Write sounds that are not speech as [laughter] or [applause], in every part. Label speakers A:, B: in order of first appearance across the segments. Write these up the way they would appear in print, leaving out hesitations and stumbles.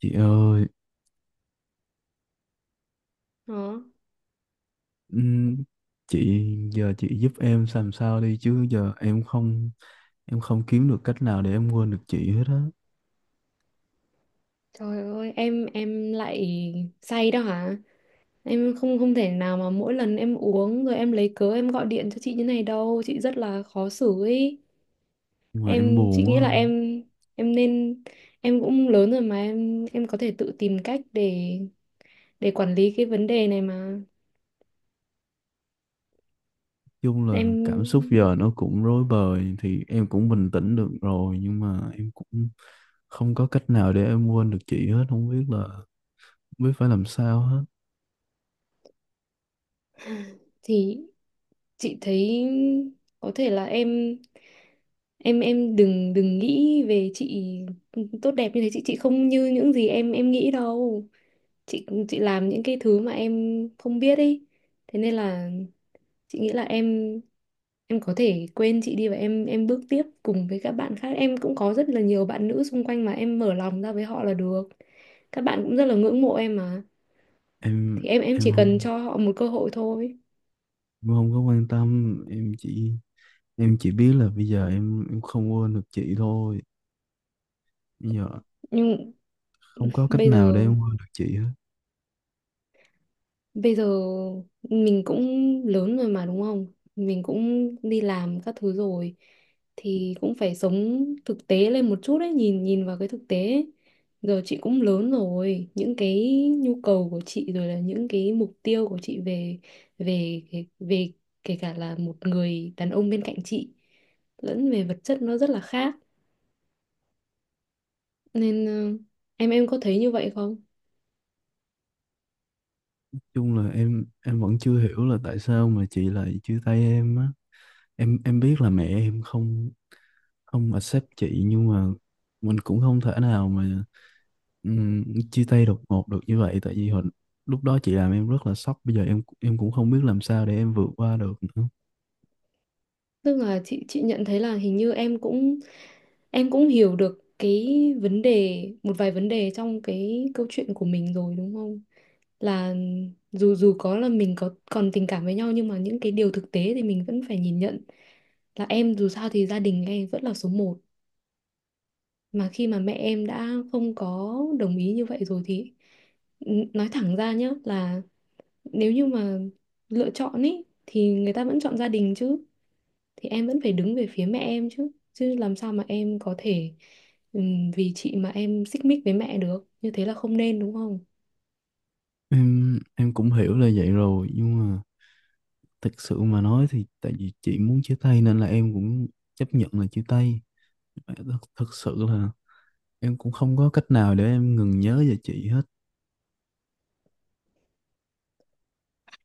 A: Chị ơi,
B: Đó.
A: ừm, chị giờ chị giúp em làm sao đi chứ giờ em không kiếm được cách nào để em quên được chị hết á.
B: Trời ơi, em lại say đó hả? Em không không thể nào mà mỗi lần em uống rồi em lấy cớ em gọi điện cho chị như này đâu, chị rất là khó xử ấy.
A: Mà em
B: Em,
A: buồn
B: chị
A: quá.
B: nghĩ là em nên, em cũng lớn rồi mà em có thể tự tìm cách để quản lý cái vấn đề này mà.
A: Chung là cảm xúc
B: Em
A: giờ nó cũng rối bời thì em cũng bình tĩnh được rồi, nhưng mà em cũng không có cách nào để em quên được chị hết, không biết là biết phải làm sao hết.
B: [sighs] thì chị thấy có thể là em đừng đừng nghĩ về chị tốt đẹp như thế. Chị không như những gì em nghĩ đâu. Chị làm những cái thứ mà em không biết ấy, thế nên là chị nghĩ là em có thể quên chị đi, và em bước tiếp cùng với các bạn khác. Em cũng có rất là nhiều bạn nữ xung quanh mà em mở lòng ra với họ là được, các bạn cũng rất là ngưỡng mộ em mà,
A: Em
B: thì em
A: em
B: chỉ cần
A: không
B: cho họ một cơ hội thôi.
A: em không có quan tâm, em chỉ biết là bây giờ em không quên được chị thôi. Bây giờ
B: Nhưng
A: không có cách
B: bây
A: nào để
B: giờ
A: em qua được chị hết.
B: Bây giờ mình cũng lớn rồi mà, đúng không? Mình cũng đi làm các thứ rồi thì cũng phải sống thực tế lên một chút ấy, nhìn nhìn vào cái thực tế ấy. Giờ chị cũng lớn rồi, những cái nhu cầu của chị rồi là những cái mục tiêu của chị về kể cả là một người đàn ông bên cạnh chị lẫn về vật chất, nó rất là khác. Nên em có thấy như vậy không?
A: Chung là em vẫn chưa hiểu là tại sao mà chị lại chia tay em á. Em biết là mẹ em không không accept chị, nhưng mà mình cũng không thể nào mà ừm, chia tay đột ngột được như vậy. Tại vì hồi lúc đó chị làm em rất là sốc, bây giờ em cũng không biết làm sao để em vượt qua được nữa.
B: Tức là chị nhận thấy là hình như em cũng, em cũng hiểu được cái vấn đề, một vài vấn đề trong cái câu chuyện của mình rồi, đúng không? Là dù dù có là mình có còn tình cảm với nhau, nhưng mà những cái điều thực tế thì mình vẫn phải nhìn nhận, là em dù sao thì gia đình em vẫn là số một. Mà khi mà mẹ em đã không có đồng ý như vậy rồi thì nói thẳng ra nhá, là nếu như mà lựa chọn ý thì người ta vẫn chọn gia đình chứ, thì em vẫn phải đứng về phía mẹ em, chứ chứ làm sao mà em có thể, vì chị mà em xích mích với mẹ được, như thế là không nên, đúng không?
A: Em cũng hiểu là vậy rồi, nhưng mà thực sự mà nói thì tại vì chị muốn chia tay nên là em cũng chấp nhận là chia tay. Thật, thật sự là em cũng không có cách nào để em ngừng nhớ về chị hết.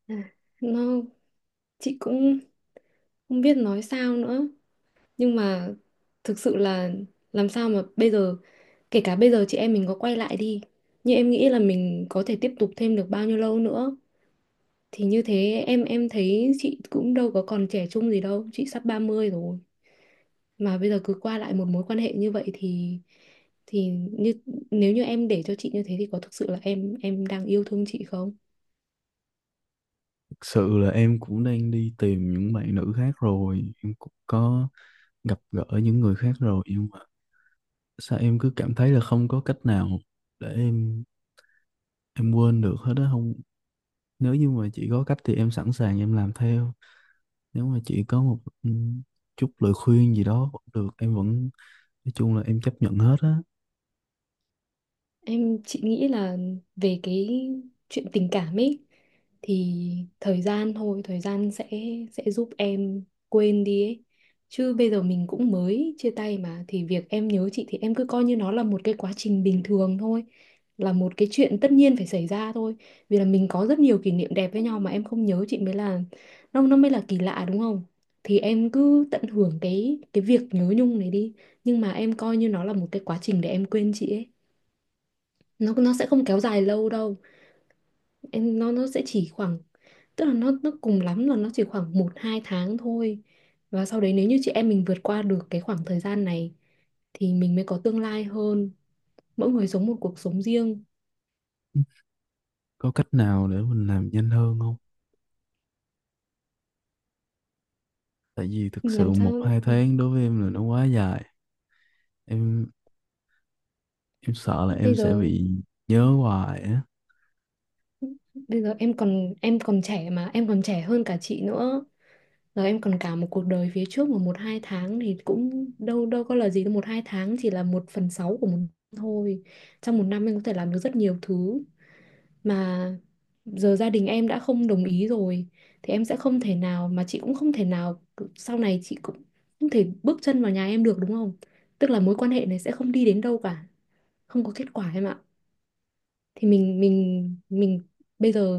B: À, nó chị cũng không biết nói sao nữa, nhưng mà thực sự là làm sao mà bây giờ, kể cả bây giờ chị em mình có quay lại đi, nhưng em nghĩ là mình có thể tiếp tục thêm được bao nhiêu lâu nữa? Thì như thế, em thấy chị cũng đâu có còn trẻ trung gì đâu, chị sắp 30 rồi mà. Bây giờ cứ qua lại một mối quan hệ như vậy thì như nếu như em để cho chị như thế thì có thực sự là em đang yêu thương chị không?
A: Thực sự là em cũng đang đi tìm những bạn nữ khác rồi, em cũng có gặp gỡ những người khác rồi, nhưng mà sao em cứ cảm thấy là không có cách nào để em quên được hết á không. Nếu như mà chị có cách thì em sẵn sàng em làm theo. Nếu mà chị có một chút lời khuyên gì đó cũng được, em vẫn nói chung là em chấp nhận hết á.
B: Em, chị nghĩ là về cái chuyện tình cảm ấy, thì thời gian thôi, thời gian sẽ giúp em quên đi ấy. Chứ bây giờ mình cũng mới chia tay mà, thì việc em nhớ chị thì em cứ coi như nó là một cái quá trình bình thường thôi, là một cái chuyện tất nhiên phải xảy ra thôi. Vì là mình có rất nhiều kỷ niệm đẹp với nhau mà, em không nhớ chị mới là, nó mới là kỳ lạ, đúng không? Thì em cứ tận hưởng cái việc nhớ nhung này đi, nhưng mà em coi như nó là một cái quá trình để em quên chị ấy, nó sẽ không kéo dài lâu đâu em, nó sẽ chỉ khoảng, tức là nó cùng lắm là nó chỉ khoảng 1-2 tháng thôi. Và sau đấy, nếu như chị em mình vượt qua được cái khoảng thời gian này thì mình mới có tương lai hơn, mỗi người sống một cuộc sống riêng.
A: Có cách nào để mình làm nhanh hơn không? Tại vì thực sự
B: Làm
A: một
B: sao
A: hai tháng đối với em là nó quá dài, em em sợ là
B: bây
A: em sẽ
B: giờ
A: bị nhớ hoài á.
B: bây giờ em còn trẻ mà, em còn trẻ hơn cả chị nữa, rồi em còn cả một cuộc đời phía trước mà. 1-2 tháng thì cũng đâu đâu có là gì đâu, 1-2 tháng chỉ là 1/6 của một năm thôi. Trong một năm em có thể làm được rất nhiều thứ mà. Giờ gia đình em đã không đồng ý rồi thì em sẽ không thể nào, mà chị cũng không thể nào, sau này chị cũng không thể bước chân vào nhà em được, đúng không? Tức là mối quan hệ này sẽ không đi đến đâu cả, không có kết quả em ạ. Thì mình bây giờ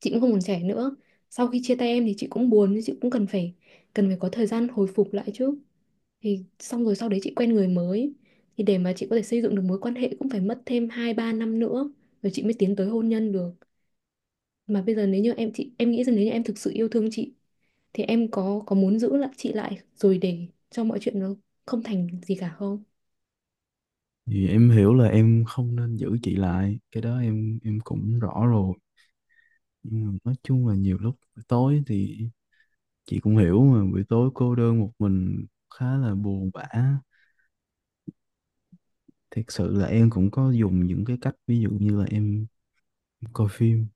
B: chị cũng không còn trẻ nữa. Sau khi chia tay em thì chị cũng buồn, nhưng chị cũng cần phải có thời gian hồi phục lại chứ. Thì xong rồi, sau đấy chị quen người mới. Thì để mà chị có thể xây dựng được mối quan hệ cũng phải mất thêm 2-3 năm nữa, rồi chị mới tiến tới hôn nhân được. Mà bây giờ, nếu như em, chị em nghĩ rằng nếu như em thực sự yêu thương chị thì em có muốn giữ lại chị lại rồi để cho mọi chuyện nó không thành gì cả không?
A: Thì em hiểu là em không nên giữ chị lại, cái đó em cũng rõ rồi, nhưng mà nói chung là nhiều lúc buổi tối thì chị cũng hiểu mà, buổi tối cô đơn một mình khá là buồn bã. Thật sự là em cũng có dùng những cái cách, ví dụ như là em coi phim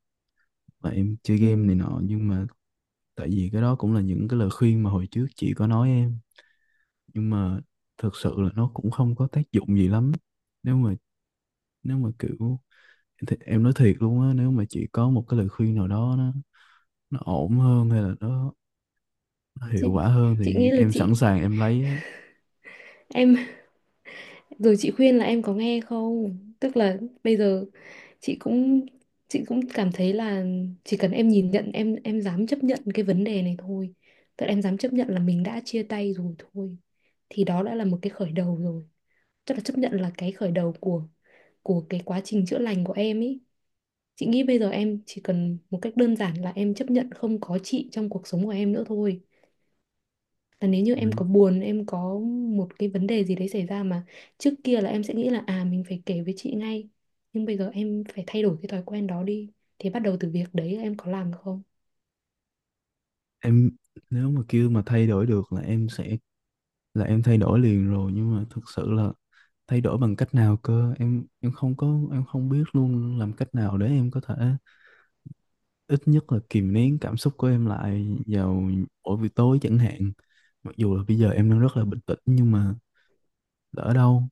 A: và em chơi
B: Ừ.
A: game này nọ, nhưng mà tại vì cái đó cũng là những cái lời khuyên mà hồi trước chị có nói em, nhưng mà thực sự là nó cũng không có tác dụng gì lắm. Nếu mà nếu mà kiểu Thì em nói thiệt luôn á, nếu mà chị có một cái lời khuyên nào đó nó ổn hơn hay là nó
B: chị
A: hiệu quả hơn
B: chị
A: thì
B: nghĩ là
A: em sẵn
B: chị,
A: sàng em lấy á.
B: em, rồi chị khuyên là em có nghe không, tức là bây giờ chị cũng chị cũng cảm thấy là chỉ cần em nhìn nhận, em dám chấp nhận cái vấn đề này thôi, tức là em dám chấp nhận là mình đã chia tay rồi thôi, thì đó đã là một cái khởi đầu rồi. Tức là chấp nhận là cái khởi đầu của cái quá trình chữa lành của em ý. Chị nghĩ bây giờ em chỉ cần một cách đơn giản là em chấp nhận không có chị trong cuộc sống của em nữa thôi. Là nếu như em
A: Ừ.
B: có buồn, em có một cái vấn đề gì đấy xảy ra mà trước kia là em sẽ nghĩ là à mình phải kể với chị ngay, nhưng bây giờ em phải thay đổi cái thói quen đó đi. Thì bắt đầu từ việc đấy em có làm được không?
A: em Nếu mà kêu mà thay đổi được là em sẽ là em thay đổi liền rồi, nhưng mà thực sự là thay đổi bằng cách nào cơ, em không có em không biết luôn làm cách nào để em có thể ít nhất là kìm nén cảm xúc của em lại vào mỗi buổi tối chẳng hạn. Mặc dù là bây giờ em đang rất là bình tĩnh nhưng mà lỡ đâu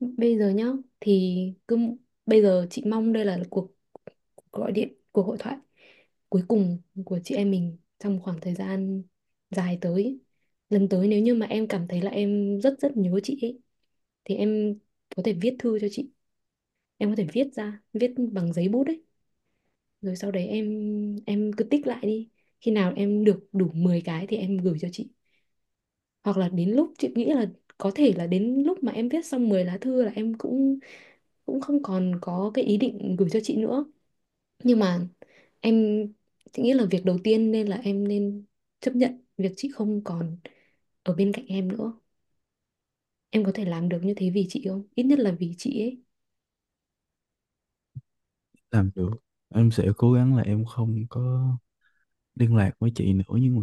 B: Bây giờ nhá, thì cứ bây giờ chị mong đây là cuộc, gọi điện, cuộc hội thoại cuối cùng của chị em mình trong khoảng thời gian dài tới. Lần tới nếu như mà em cảm thấy là em rất rất nhớ chị ấy, thì em có thể viết thư cho chị, em có thể viết ra, viết bằng giấy bút đấy, rồi sau đấy em cứ tích lại đi, khi nào em được đủ 10 cái thì em gửi cho chị. Hoặc là đến lúc chị nghĩ là, có thể là đến lúc mà em viết xong 10 lá thư là em cũng cũng không còn có cái ý định gửi cho chị nữa, nhưng mà em, chị nghĩ là việc đầu tiên nên là em nên chấp nhận việc chị không còn ở bên cạnh em nữa. Em có thể làm được như thế vì chị, không, ít nhất là vì chị ấy.
A: làm được, em sẽ cố gắng là em không có liên lạc với chị nữa, nhưng mà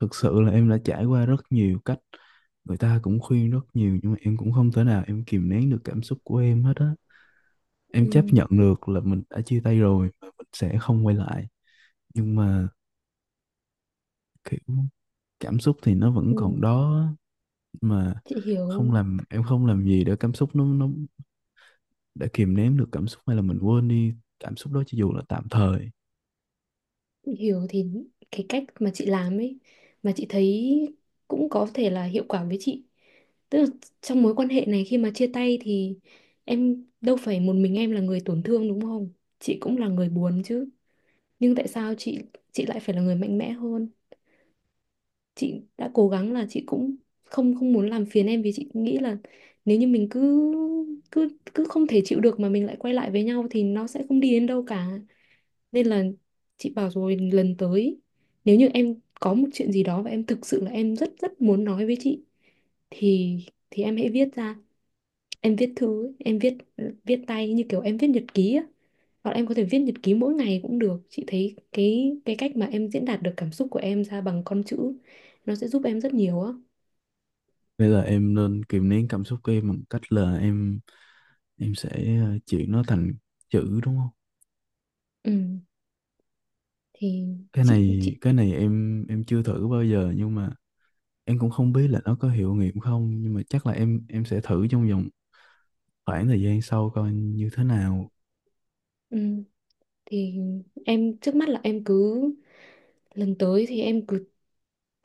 A: thực sự là em đã trải qua rất nhiều cách, người ta cũng khuyên rất nhiều nhưng mà em cũng không thể nào em kìm nén được cảm xúc của em hết á.
B: Ừ,
A: Em chấp nhận được là mình đã chia tay rồi và mình sẽ không quay lại, nhưng mà kiểu cảm xúc thì nó vẫn
B: ừ,
A: còn đó á. Mà
B: chị
A: không
B: hiểu,
A: làm em không làm gì để cảm xúc nó để kìm nén được cảm xúc hay là mình quên đi cảm xúc đó cho dù là tạm thời.
B: thì cái cách mà chị làm ấy, mà chị thấy cũng có thể là hiệu quả với chị, tức là trong mối quan hệ này khi mà chia tay thì em đâu phải một mình em là người tổn thương, đúng không? Chị cũng là người buồn chứ, nhưng tại sao chị, lại phải là người mạnh mẽ hơn. Chị đã cố gắng là chị cũng không không muốn làm phiền em, vì chị nghĩ là nếu như mình cứ cứ cứ không thể chịu được mà mình lại quay lại với nhau thì nó sẽ không đi đến đâu cả. Nên là chị bảo rồi, lần tới nếu như em có một chuyện gì đó và em thực sự là em rất rất muốn nói với chị thì thì em hãy viết ra. Em viết thư ấy, em viết viết tay như kiểu em viết nhật ký á. Hoặc là em có thể viết nhật ký mỗi ngày cũng được. Chị thấy cái cách mà em diễn đạt được cảm xúc của em ra bằng con chữ nó sẽ giúp em rất nhiều á.
A: Bây giờ em nên kìm nén cảm xúc của em bằng cách là em sẽ chuyển nó thành chữ đúng không?
B: Ừ, thì
A: cái này
B: chị
A: cái này em chưa thử bao giờ, nhưng mà em cũng không biết là nó có hiệu nghiệm không, nhưng mà chắc là em sẽ thử trong vòng khoảng thời gian sau coi như thế nào.
B: ừ, thì em trước mắt là em cứ lần tới thì em cứ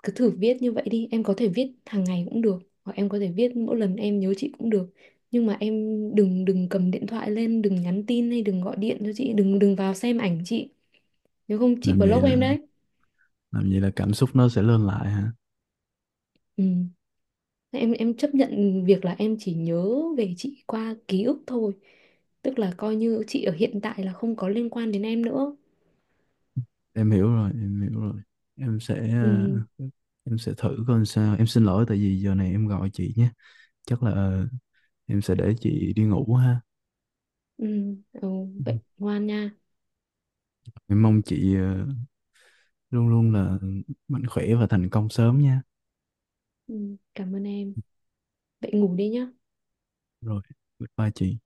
B: cứ thử viết như vậy đi, em có thể viết hàng ngày cũng được, hoặc em có thể viết mỗi lần em nhớ chị cũng được, nhưng mà em đừng đừng cầm điện thoại lên, đừng nhắn tin hay đừng gọi điện cho chị, đừng đừng vào xem ảnh chị, nếu không chị
A: làm vậy
B: block
A: là
B: em đấy.
A: làm vậy là cảm xúc nó sẽ lên lại hả?
B: Ừ. em chấp nhận việc là em chỉ nhớ về chị qua ký ức thôi, tức là coi như chị ở hiện tại là không có liên quan đến em nữa.
A: Em hiểu rồi, em hiểu rồi. em sẽ ờ,
B: Ừ.
A: em sẽ thử coi sao. Em xin lỗi tại vì giờ này em gọi chị nhé. Chắc là em sẽ để chị đi ngủ ha.
B: Ừ. Ừ. Vậy ngoan nha.
A: Em mong chị luôn luôn là mạnh khỏe và thành công sớm nha.
B: Ừ, cảm ơn em, vậy ngủ đi nhá.
A: Rồi. Goodbye chị.